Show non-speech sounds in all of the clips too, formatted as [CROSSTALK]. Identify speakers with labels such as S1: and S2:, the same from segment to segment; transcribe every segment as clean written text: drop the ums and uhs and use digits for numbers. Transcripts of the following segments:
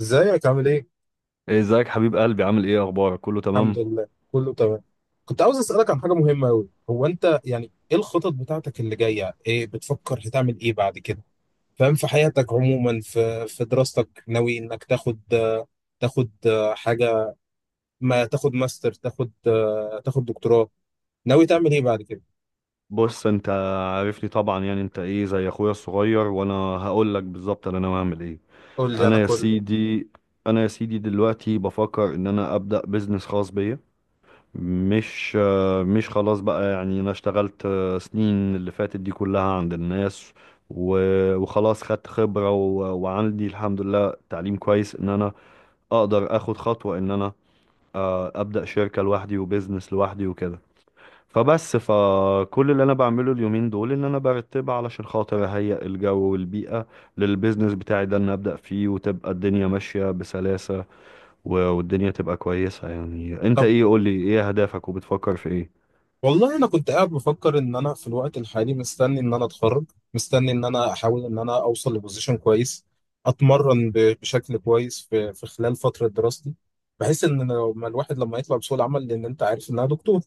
S1: ازيك عامل ايه؟
S2: ازيك حبيب قلبي، عامل ايه؟ اخبارك؟ كله
S1: الحمد
S2: تمام.
S1: لله، كله تمام. كنت عاوز اسألك عن حاجة مهمة أوي. هو أنت يعني إيه الخطط بتاعتك اللي جاية؟ إيه بتفكر هتعمل إيه بعد كده؟ فاهم في حياتك عموما، في دراستك، ناوي إنك تاخد حاجة؟ ما تاخد ماستر، تاخد دكتوراه؟ ناوي تعمل إيه بعد كده؟
S2: بص انت، عارفني طبعا، يعني انت ايه، زي اخويا الصغير، وانا هقول لك بالظبط انا ناوي اعمل ايه.
S1: قول لي أنا
S2: انا يا
S1: كله.
S2: سيدي انا يا سيدي دلوقتي بفكر ان انا ابدا بزنس خاص بيا. مش خلاص بقى، يعني انا اشتغلت سنين اللي فاتت دي كلها عند الناس. وخلاص خدت خبرة، وعندي الحمد لله تعليم كويس ان انا اقدر اخد خطوة ان انا ابدا شركة لوحدي وبزنس لوحدي وكده. فبس، فكل اللي انا بعمله اليومين دول ان انا برتبها علشان خاطر اهيئ الجو والبيئة للبيزنس بتاعي ده ان ابدأ فيه وتبقى الدنيا ماشية بسلاسة، والدنيا تبقى كويسة. يعني انت
S1: طب
S2: ايه، قولي ايه اهدافك وبتفكر في ايه؟
S1: والله انا كنت قاعد بفكر ان انا في الوقت الحالي مستني ان انا اتخرج، مستني ان انا احاول ان انا اوصل لبوزيشن كويس، اتمرن بشكل كويس في خلال فتره دراستي، بحيث ان لما الواحد يطلع بسوق العمل، لان انت عارف انها دكتور.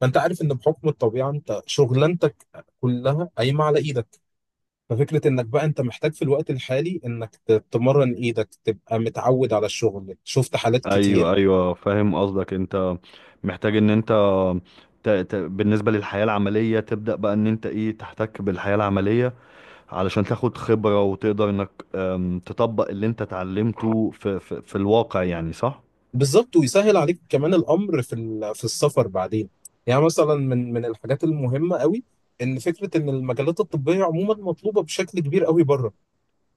S1: فانت عارف ان بحكم الطبيعه انت شغلانتك كلها قايمه على ايدك. ففكره انك بقى انت محتاج في الوقت الحالي انك تمرن ايدك تبقى متعود على الشغل. شفت حالات كتير.
S2: ايوه، ايوه، فاهم قصدك. انت محتاج ان انت بالنسبة للحياة العملية تبدأ بقى ان انت ايه تحتك بالحياة العملية علشان تاخد خبرة، وتقدر انك تطبق اللي انت اتعلمته في الواقع، يعني صح.
S1: بالظبط، ويسهل عليك كمان الامر في في السفر بعدين. يعني مثلا من الحاجات المهمه قوي ان فكره ان المجالات الطبيه عموما مطلوبه بشكل كبير قوي بره.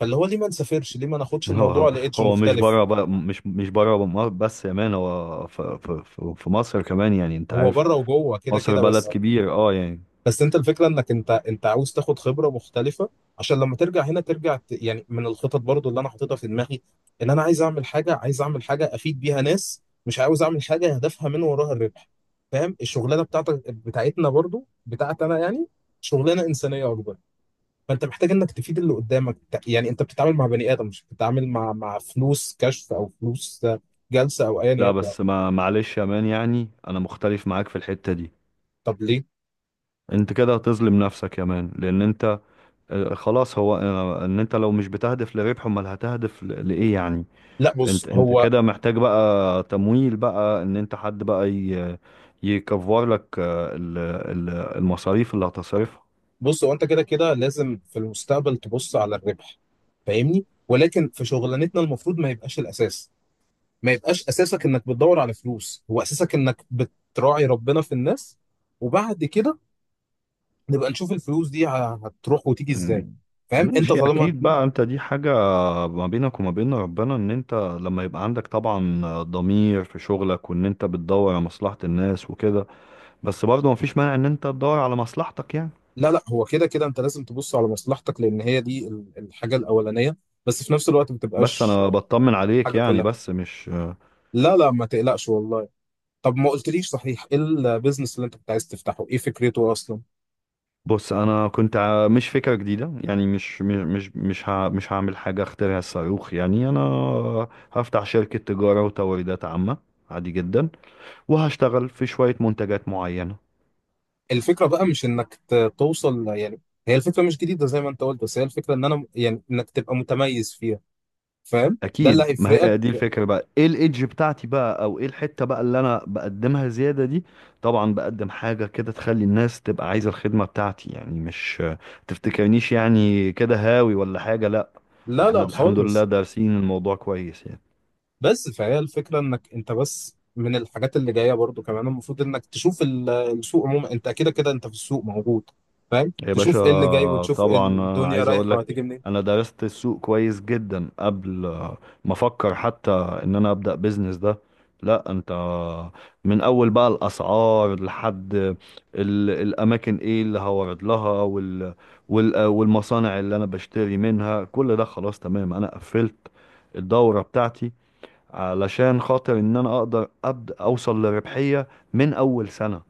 S1: فاللي هو ليه ما نسافرش؟ ليه ما
S2: [LAUGHS]
S1: ناخدش الموضوع
S2: هو
S1: لإيدج
S2: هو مش
S1: مختلف؟
S2: بره بقى، مش بره مصر بس يا مان، هو في مصر كمان، يعني انت
S1: هو
S2: عارف.
S1: بره وجوه كده
S2: مصر
S1: كده
S2: بلد
S1: بس.
S2: كبير، اه، يعني.
S1: بس انت الفكره انك انت عاوز تاخد خبره مختلفه عشان لما ترجع هنا ترجع... يعني من الخطط برضو اللي انا حاططها في دماغي ان انا عايز اعمل حاجه افيد بيها ناس، مش عاوز اعمل حاجه هدفها من وراها الربح. فاهم الشغلانه بتاعتك، بتاعتنا برضو، بتاعت انا يعني، شغلانه انسانيه اكبر. فانت محتاج انك تفيد اللي قدامك. يعني انت بتتعامل مع بني ادم، مش بتتعامل مع فلوس كشف او فلوس جلسه او ايا
S2: لا
S1: يكن.
S2: بس، ما معلش يا مان، يعني انا مختلف معاك في الحتة دي.
S1: طب ليه؟
S2: انت كده هتظلم نفسك يا مان، لان انت خلاص، هو ان انت لو مش بتهدف لربح، امال هتهدف لايه يعني؟
S1: لا،
S2: انت كده محتاج بقى تمويل بقى، ان انت حد بقى يكفر لك المصاريف اللي هتصرفها.
S1: بص هو انت كده كده لازم في المستقبل تبص على الربح، فاهمني؟ ولكن في شغلانتنا المفروض ما يبقاش الاساس. ما يبقاش اساسك انك بتدور على فلوس، هو اساسك انك بتراعي ربنا في الناس، وبعد كده نبقى نشوف الفلوس دي هتروح وتيجي ازاي.
S2: مم.
S1: فاهم انت؟
S2: ماشي،
S1: طالما...
S2: اكيد بقى، انت دي حاجة ما بينك وما بين ربنا، ان انت لما يبقى عندك طبعا ضمير في شغلك، وان انت بتدور على مصلحة الناس وكده، بس برضه ما فيش مانع ان انت تدور على مصلحتك يعني.
S1: لا لا، هو كده كده انت لازم تبص على مصلحتك لان هي دي الحاجة الاولانية، بس في نفس الوقت ما
S2: بس
S1: تبقاش
S2: انا بطمن عليك
S1: حاجة
S2: يعني،
S1: كلها.
S2: بس مش.
S1: لا لا، ما تقلقش والله. طب ما قلتليش صحيح، ايه البيزنس اللي انت كنت عايز تفتحه؟ ايه فكرته اصلا؟
S2: بص انا كنت مش فكرة جديدة، يعني مش هعمل حاجة اخترع الصاروخ يعني. انا هفتح شركة تجارة وتوريدات عامة، عادي جدا، وهشتغل في شوية منتجات معينة.
S1: الفكرة بقى مش انك توصل يعني. هي الفكرة مش جديدة زي ما انت قلت، بس هي الفكرة ان انا يعني انك تبقى متميز فيها، فاهم؟ ده اللي
S2: اكيد، ما
S1: هيفرقك.
S2: هي دي الفكره بقى، ايه الايدج بتاعتي بقى، او ايه الحته بقى اللي انا بقدمها زياده دي. طبعا بقدم حاجه كده تخلي الناس تبقى عايزه الخدمه بتاعتي، يعني مش تفتكرنيش يعني كده هاوي ولا حاجه، لا.
S1: لا
S2: احنا
S1: لا
S2: الحمد لله
S1: خالص.
S2: دارسين الموضوع كويس يعني.
S1: بس فهي الفكرة انك انت بس من الحاجات اللي جاية برضو كمان، المفروض انك تشوف السوق عموما. انت كده كده انت في السوق موجود، فاهم؟
S2: يا
S1: تشوف ايه اللي جاي
S2: باشا،
S1: وتشوف إيه
S2: طبعا انا
S1: الدنيا
S2: عايز اقول
S1: رايحة
S2: لك،
S1: وهتيجي منين.
S2: انا درست السوق كويس جدا قبل ما افكر حتى ان انا ابدا بيزنس ده. لا انت، من اول بقى الاسعار لحد الاماكن، ايه اللي هورد لها، والمصانع اللي انا بشتري منها، كل ده خلاص تمام، انا قفلت الدورة بتاعتي علشان خاطر ان انا اقدر ابدا اوصل لربحية من اول سنة.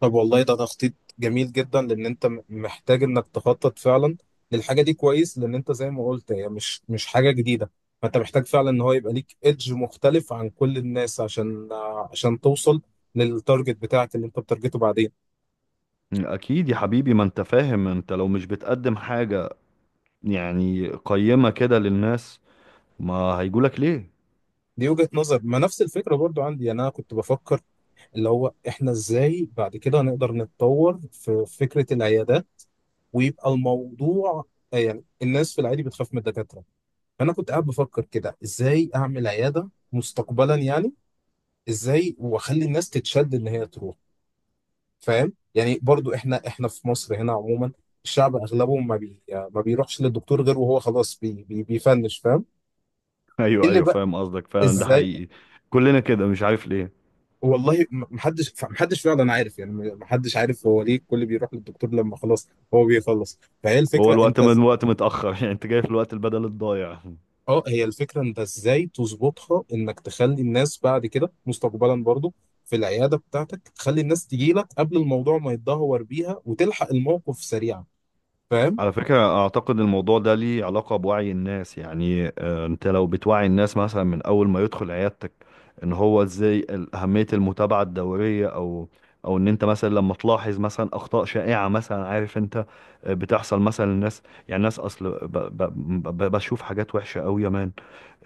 S1: طب والله ده تخطيط جميل جدا، لان انت محتاج انك تخطط فعلا للحاجه دي كويس، لان انت زي ما قلت هي مش حاجه جديده. فانت محتاج فعلا ان هو يبقى ليك ايدج مختلف عن كل الناس عشان عشان توصل للتارجت بتاعك اللي انت بتارجته بعدين.
S2: اكيد يا حبيبي، ما انت فاهم، انت لو مش بتقدم حاجة يعني قيمة كده للناس، ما هيجولك ليه.
S1: دي وجهه نظر. ما نفس الفكره برضو عندي يعني. انا كنت بفكر اللي هو احنا ازاي بعد كده هنقدر نتطور في فكره العيادات ويبقى الموضوع... يعني الناس في العادي بتخاف من الدكاتره. فانا كنت قاعد بفكر كده ازاي اعمل عياده مستقبلا يعني، ازاي واخلي الناس تتشد ان هي تروح. فاهم يعني؟ برضو احنا في مصر هنا عموما الشعب اغلبه ما بيروحش للدكتور غير وهو خلاص بي بي بيفنش، فاهم؟
S2: [LAUGHS]
S1: إيه
S2: ايوه،
S1: اللي
S2: ايوه،
S1: بقى؟
S2: فاهم قصدك، فعلا ده
S1: ازاي؟
S2: حقيقي. كلنا كده، مش عارف ليه.
S1: والله محدش فعلا عارف يعني. محدش عارف هو ليه الكل بيروح للدكتور لما خلاص هو بيخلص. فهي
S2: هو
S1: الفكره
S2: الوقت
S1: انت...
S2: من وقت متأخر، [LAUGHS] يعني انت جاي في الوقت البدل الضايع.
S1: اه، هي الفكرة انت ازاي تظبطها انك تخلي الناس بعد كده مستقبلا برضو في العيادة بتاعتك، تخلي الناس تجي لك قبل الموضوع ما يتدهور بيها وتلحق الموقف سريعا، فاهم؟
S2: على فكرة، أعتقد الموضوع ده ليه علاقة بوعي الناس، يعني أنت لو بتوعي الناس مثلا من أول ما يدخل عيادتك، إن هو إزاي أهمية المتابعة الدورية، أو إن أنت مثلا لما تلاحظ مثلا أخطاء شائعة مثلا، عارف أنت بتحصل مثلا للناس. يعني الناس أصل بشوف حاجات وحشة أوي يا مان.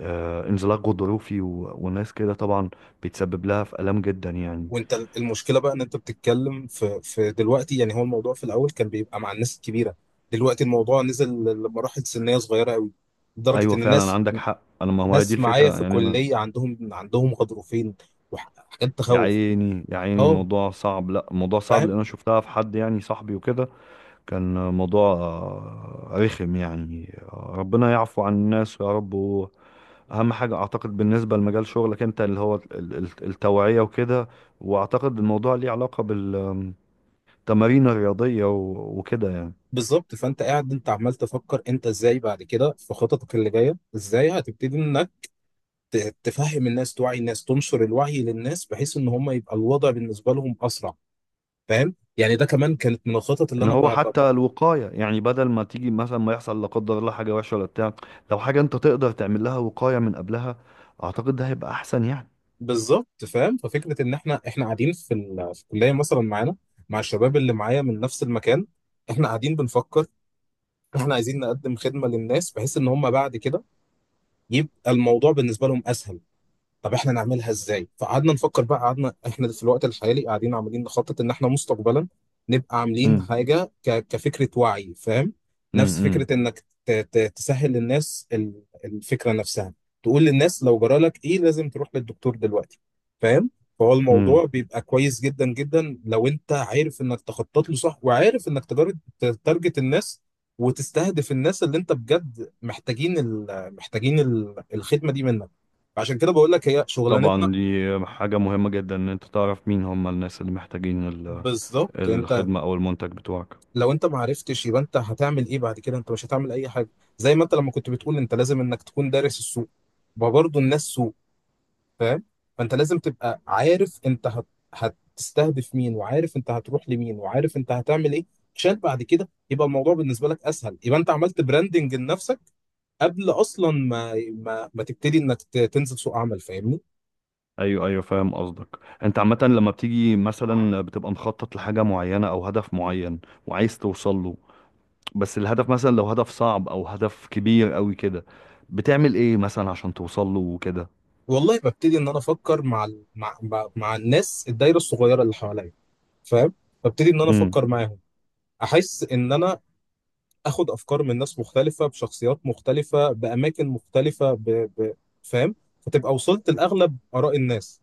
S2: انزلاق غضروفي، وناس كده طبعا بيتسبب لها في آلام جدا يعني.
S1: وانت المشكلة بقى ان انت بتتكلم في دلوقتي يعني. هو الموضوع في الاول كان بيبقى مع الناس الكبيرة، دلوقتي الموضوع نزل لمراحل سنية صغيرة قوي، لدرجة
S2: أيوة،
S1: ان
S2: فعلا
S1: الناس...
S2: عندك حق. أنا، ما هو هي دي
S1: ناس معايا في
S2: الفكرة يعني، أنا.
S1: الكلية عندهم غضروفين وحاجات
S2: يا
S1: تخوف.
S2: عيني، يا عيني،
S1: اه.
S2: الموضوع صعب، لا الموضوع صعب، لان انا شفتها في حد يعني صاحبي وكده، كان موضوع رخم يعني، ربنا يعفو عن الناس يا رب. واهم حاجه، اعتقد بالنسبه لمجال شغلك انت اللي هو التوعيه وكده، واعتقد الموضوع ليه علاقه بالتمارين الرياضيه، وكده يعني.
S1: بالظبط، فانت قاعد انت عمال تفكر انت ازاي بعد كده في خططك اللي جايه، ازاي هتبتدي انك تفهم الناس، توعي الناس، تنشر الوعي للناس بحيث ان هم يبقى الوضع بالنسبه لهم اسرع، فاهم يعني؟ ده كمان كانت من الخطط اللي
S2: ان
S1: انا...
S2: هو حتى الوقايه، يعني بدل ما تيجي مثلا ما يحصل لا قدر الله حاجه وحشه ولا بتاع، لو حاجه انت تقدر تعمل لها وقايه من قبلها، اعتقد ده هيبقى احسن يعني.
S1: بالظبط. فاهم ففكره ان احنا قاعدين في الكليه مثلا، معانا مع الشباب اللي معايا من نفس المكان. احنا قاعدين بنفكر، احنا عايزين نقدم خدمه للناس بحيث ان هم بعد كده يبقى الموضوع بالنسبه لهم اسهل. طب احنا نعملها ازاي؟ فقعدنا نفكر بقى. قعدنا احنا في الوقت الحالي قاعدين عمالين نخطط ان احنا مستقبلا نبقى عاملين
S2: امم.
S1: حاجه كفكره وعي، فاهم؟
S2: امم،
S1: نفس
S2: امم.
S1: فكره انك تسهل للناس الفكره نفسها. تقول للناس لو جرالك ايه لازم تروح للدكتور دلوقتي، فاهم؟ فهو
S2: امم.
S1: الموضوع بيبقى كويس جدا جدا لو انت عارف انك تخطط له صح وعارف انك تارجت الناس وتستهدف الناس اللي انت بجد محتاجين الخدمه دي منك. عشان كده بقول لك هي شغلانتنا.
S2: طبعا دي حاجة مهمة جدا، ان انت تعرف مين هم الناس اللي محتاجين
S1: بالظبط انت.
S2: الخدمة او المنتج بتوعك.
S1: لو انت ما عرفتش يبقى انت هتعمل ايه بعد كده؟ انت مش هتعمل اي حاجه. زي ما انت لما كنت بتقول انت لازم انك تكون دارس السوق. ما برضه الناس سوق، فاهم؟ فانت لازم تبقى عارف انت هتستهدف مين، وعارف انت هتروح لمين، وعارف انت هتعمل ايه، عشان بعد كده يبقى الموضوع بالنسبه لك اسهل. يبقى انت عملت براندنج لنفسك قبل اصلا ما تبتدي انك تنزل سوق عمل، فاهمني؟
S2: ايوه، ايوه، فاهم قصدك. انت عامة لما بتيجي مثلا بتبقى مخطط لحاجة معينة او هدف معين وعايز توصل له، بس الهدف مثلا لو هدف صعب او هدف كبير قوي كده، بتعمل ايه مثلا عشان توصل له وكده؟
S1: والله ببتدي ان انا افكر مع ال- مع مع مع الناس، الدايره الصغيره اللي حواليا، فاهم؟ ببتدي ان انا
S2: امم،
S1: افكر معاهم. احس ان انا اخد افكار من ناس مختلفه بشخصيات مختلفه باماكن مختلفه، فاهم؟ فتبقى وصلت لاغلب اراء الناس.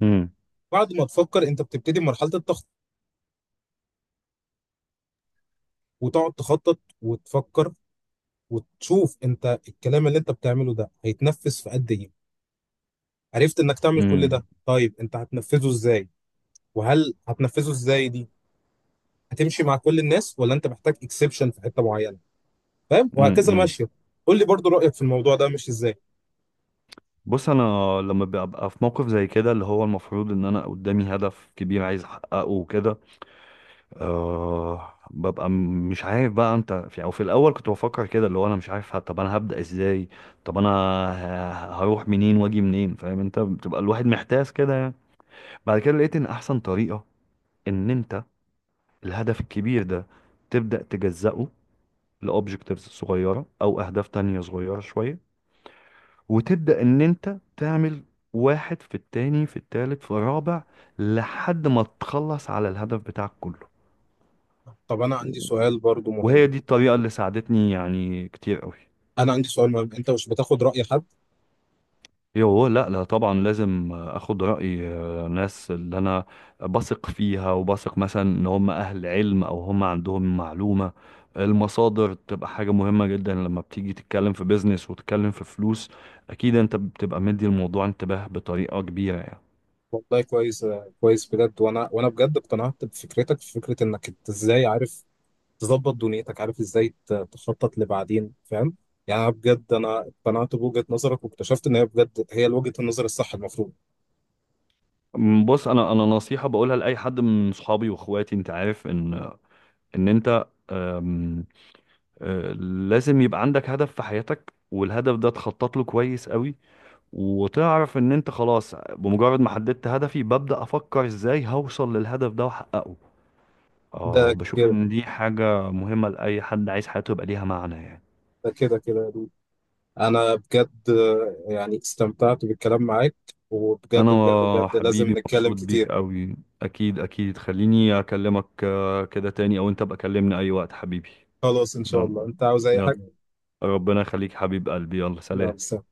S2: امم،
S1: بعد ما تفكر انت بتبتدي مرحله التخطيط، وتقعد تخطط وتفكر وتشوف انت الكلام اللي انت بتعمله ده هيتنفذ في قد ايه. عرفت انك تعمل كل
S2: امم،
S1: ده، طيب انت هتنفذه ازاي؟ وهل هتنفذه ازاي دي هتمشي مع كل الناس ولا انت محتاج اكسبشن في حته معينه، فاهم؟ وهكذا
S2: امم.
S1: ماشيه. قول لي برضو رايك في الموضوع ده مش ازاي.
S2: بص، انا لما ببقى في موقف زي كده، اللي هو المفروض ان انا قدامي هدف كبير عايز احققه وكده، أه ببقى مش عارف بقى، انت في او في الاول كنت بفكر كده، اللي هو انا مش عارف طب انا هبدأ ازاي؟ طب انا هروح منين واجي منين، فاهم انت، بتبقى الواحد محتاس كده يعني. بعد كده لقيت ان احسن طريقة ان انت الهدف الكبير ده تبدأ تجزأه لأوبجكتيفز صغيرة او اهداف تانية صغيرة شوية، وتبدأ ان انت تعمل واحد في التاني في التالت في الرابع لحد ما تخلص على الهدف بتاعك كله.
S1: طب انا عندي سؤال برضو مهم.
S2: وهي دي الطريقة اللي ساعدتني يعني كتير قوي.
S1: انا عندي سؤال مهم، انت مش بتاخد راي حد؟
S2: ايوه، لا، لا، طبعا لازم اخد رأي ناس اللي انا بثق فيها، وبثق مثلا ان هم اهل علم او هم عندهم معلومة. المصادر بتبقى حاجة مهمة جدا لما بتيجي تتكلم في بيزنس وتتكلم في فلوس، اكيد انت بتبقى مدي الموضوع انتباه بطريقة كبيرة يعني.
S1: والله كويس، كويس بجد. وانا بجد اقتنعت بفكرتك، في فكره انك انت ازاي عارف تظبط دنيتك، عارف ازاي تخطط لبعدين، فاهم؟ يعني أنا بجد، انا اقتنعت بوجهه نظرك واكتشفت ان هي بجد هي وجهه النظر الصح المفروض.
S2: بص، انا نصيحة بقولها لاي حد من صحابي واخواتي. انت عارف ان انت أم، آه، لازم يبقى عندك هدف في حياتك، والهدف ده تخطط له كويس قوي، وتعرف ان انت خلاص بمجرد ما حددت هدفي ببدأ افكر ازاي هوصل للهدف ده واحققه. اه،
S1: ده
S2: بشوف
S1: كده،
S2: ان دي حاجة مهمة لأي حد عايز حياته يبقى ليها معنى يعني.
S1: ده كده كده، انا بجد، يعني استمتعت بالكلام معاك. وبجد بجد
S2: انا
S1: بجد
S2: حبيبي
S1: لازم نتكلم
S2: مبسوط بيك
S1: كتير.
S2: قوي. اكيد، اكيد، خليني اكلمك كده تاني، او انت بقى كلمني اي وقت حبيبي.
S1: خلاص ان شاء
S2: يلا،
S1: الله، انت عاوز اي
S2: يلا،
S1: حاجه.
S2: ربنا يخليك حبيب قلبي، يلا
S1: يلا،
S2: سلام.
S1: سلام.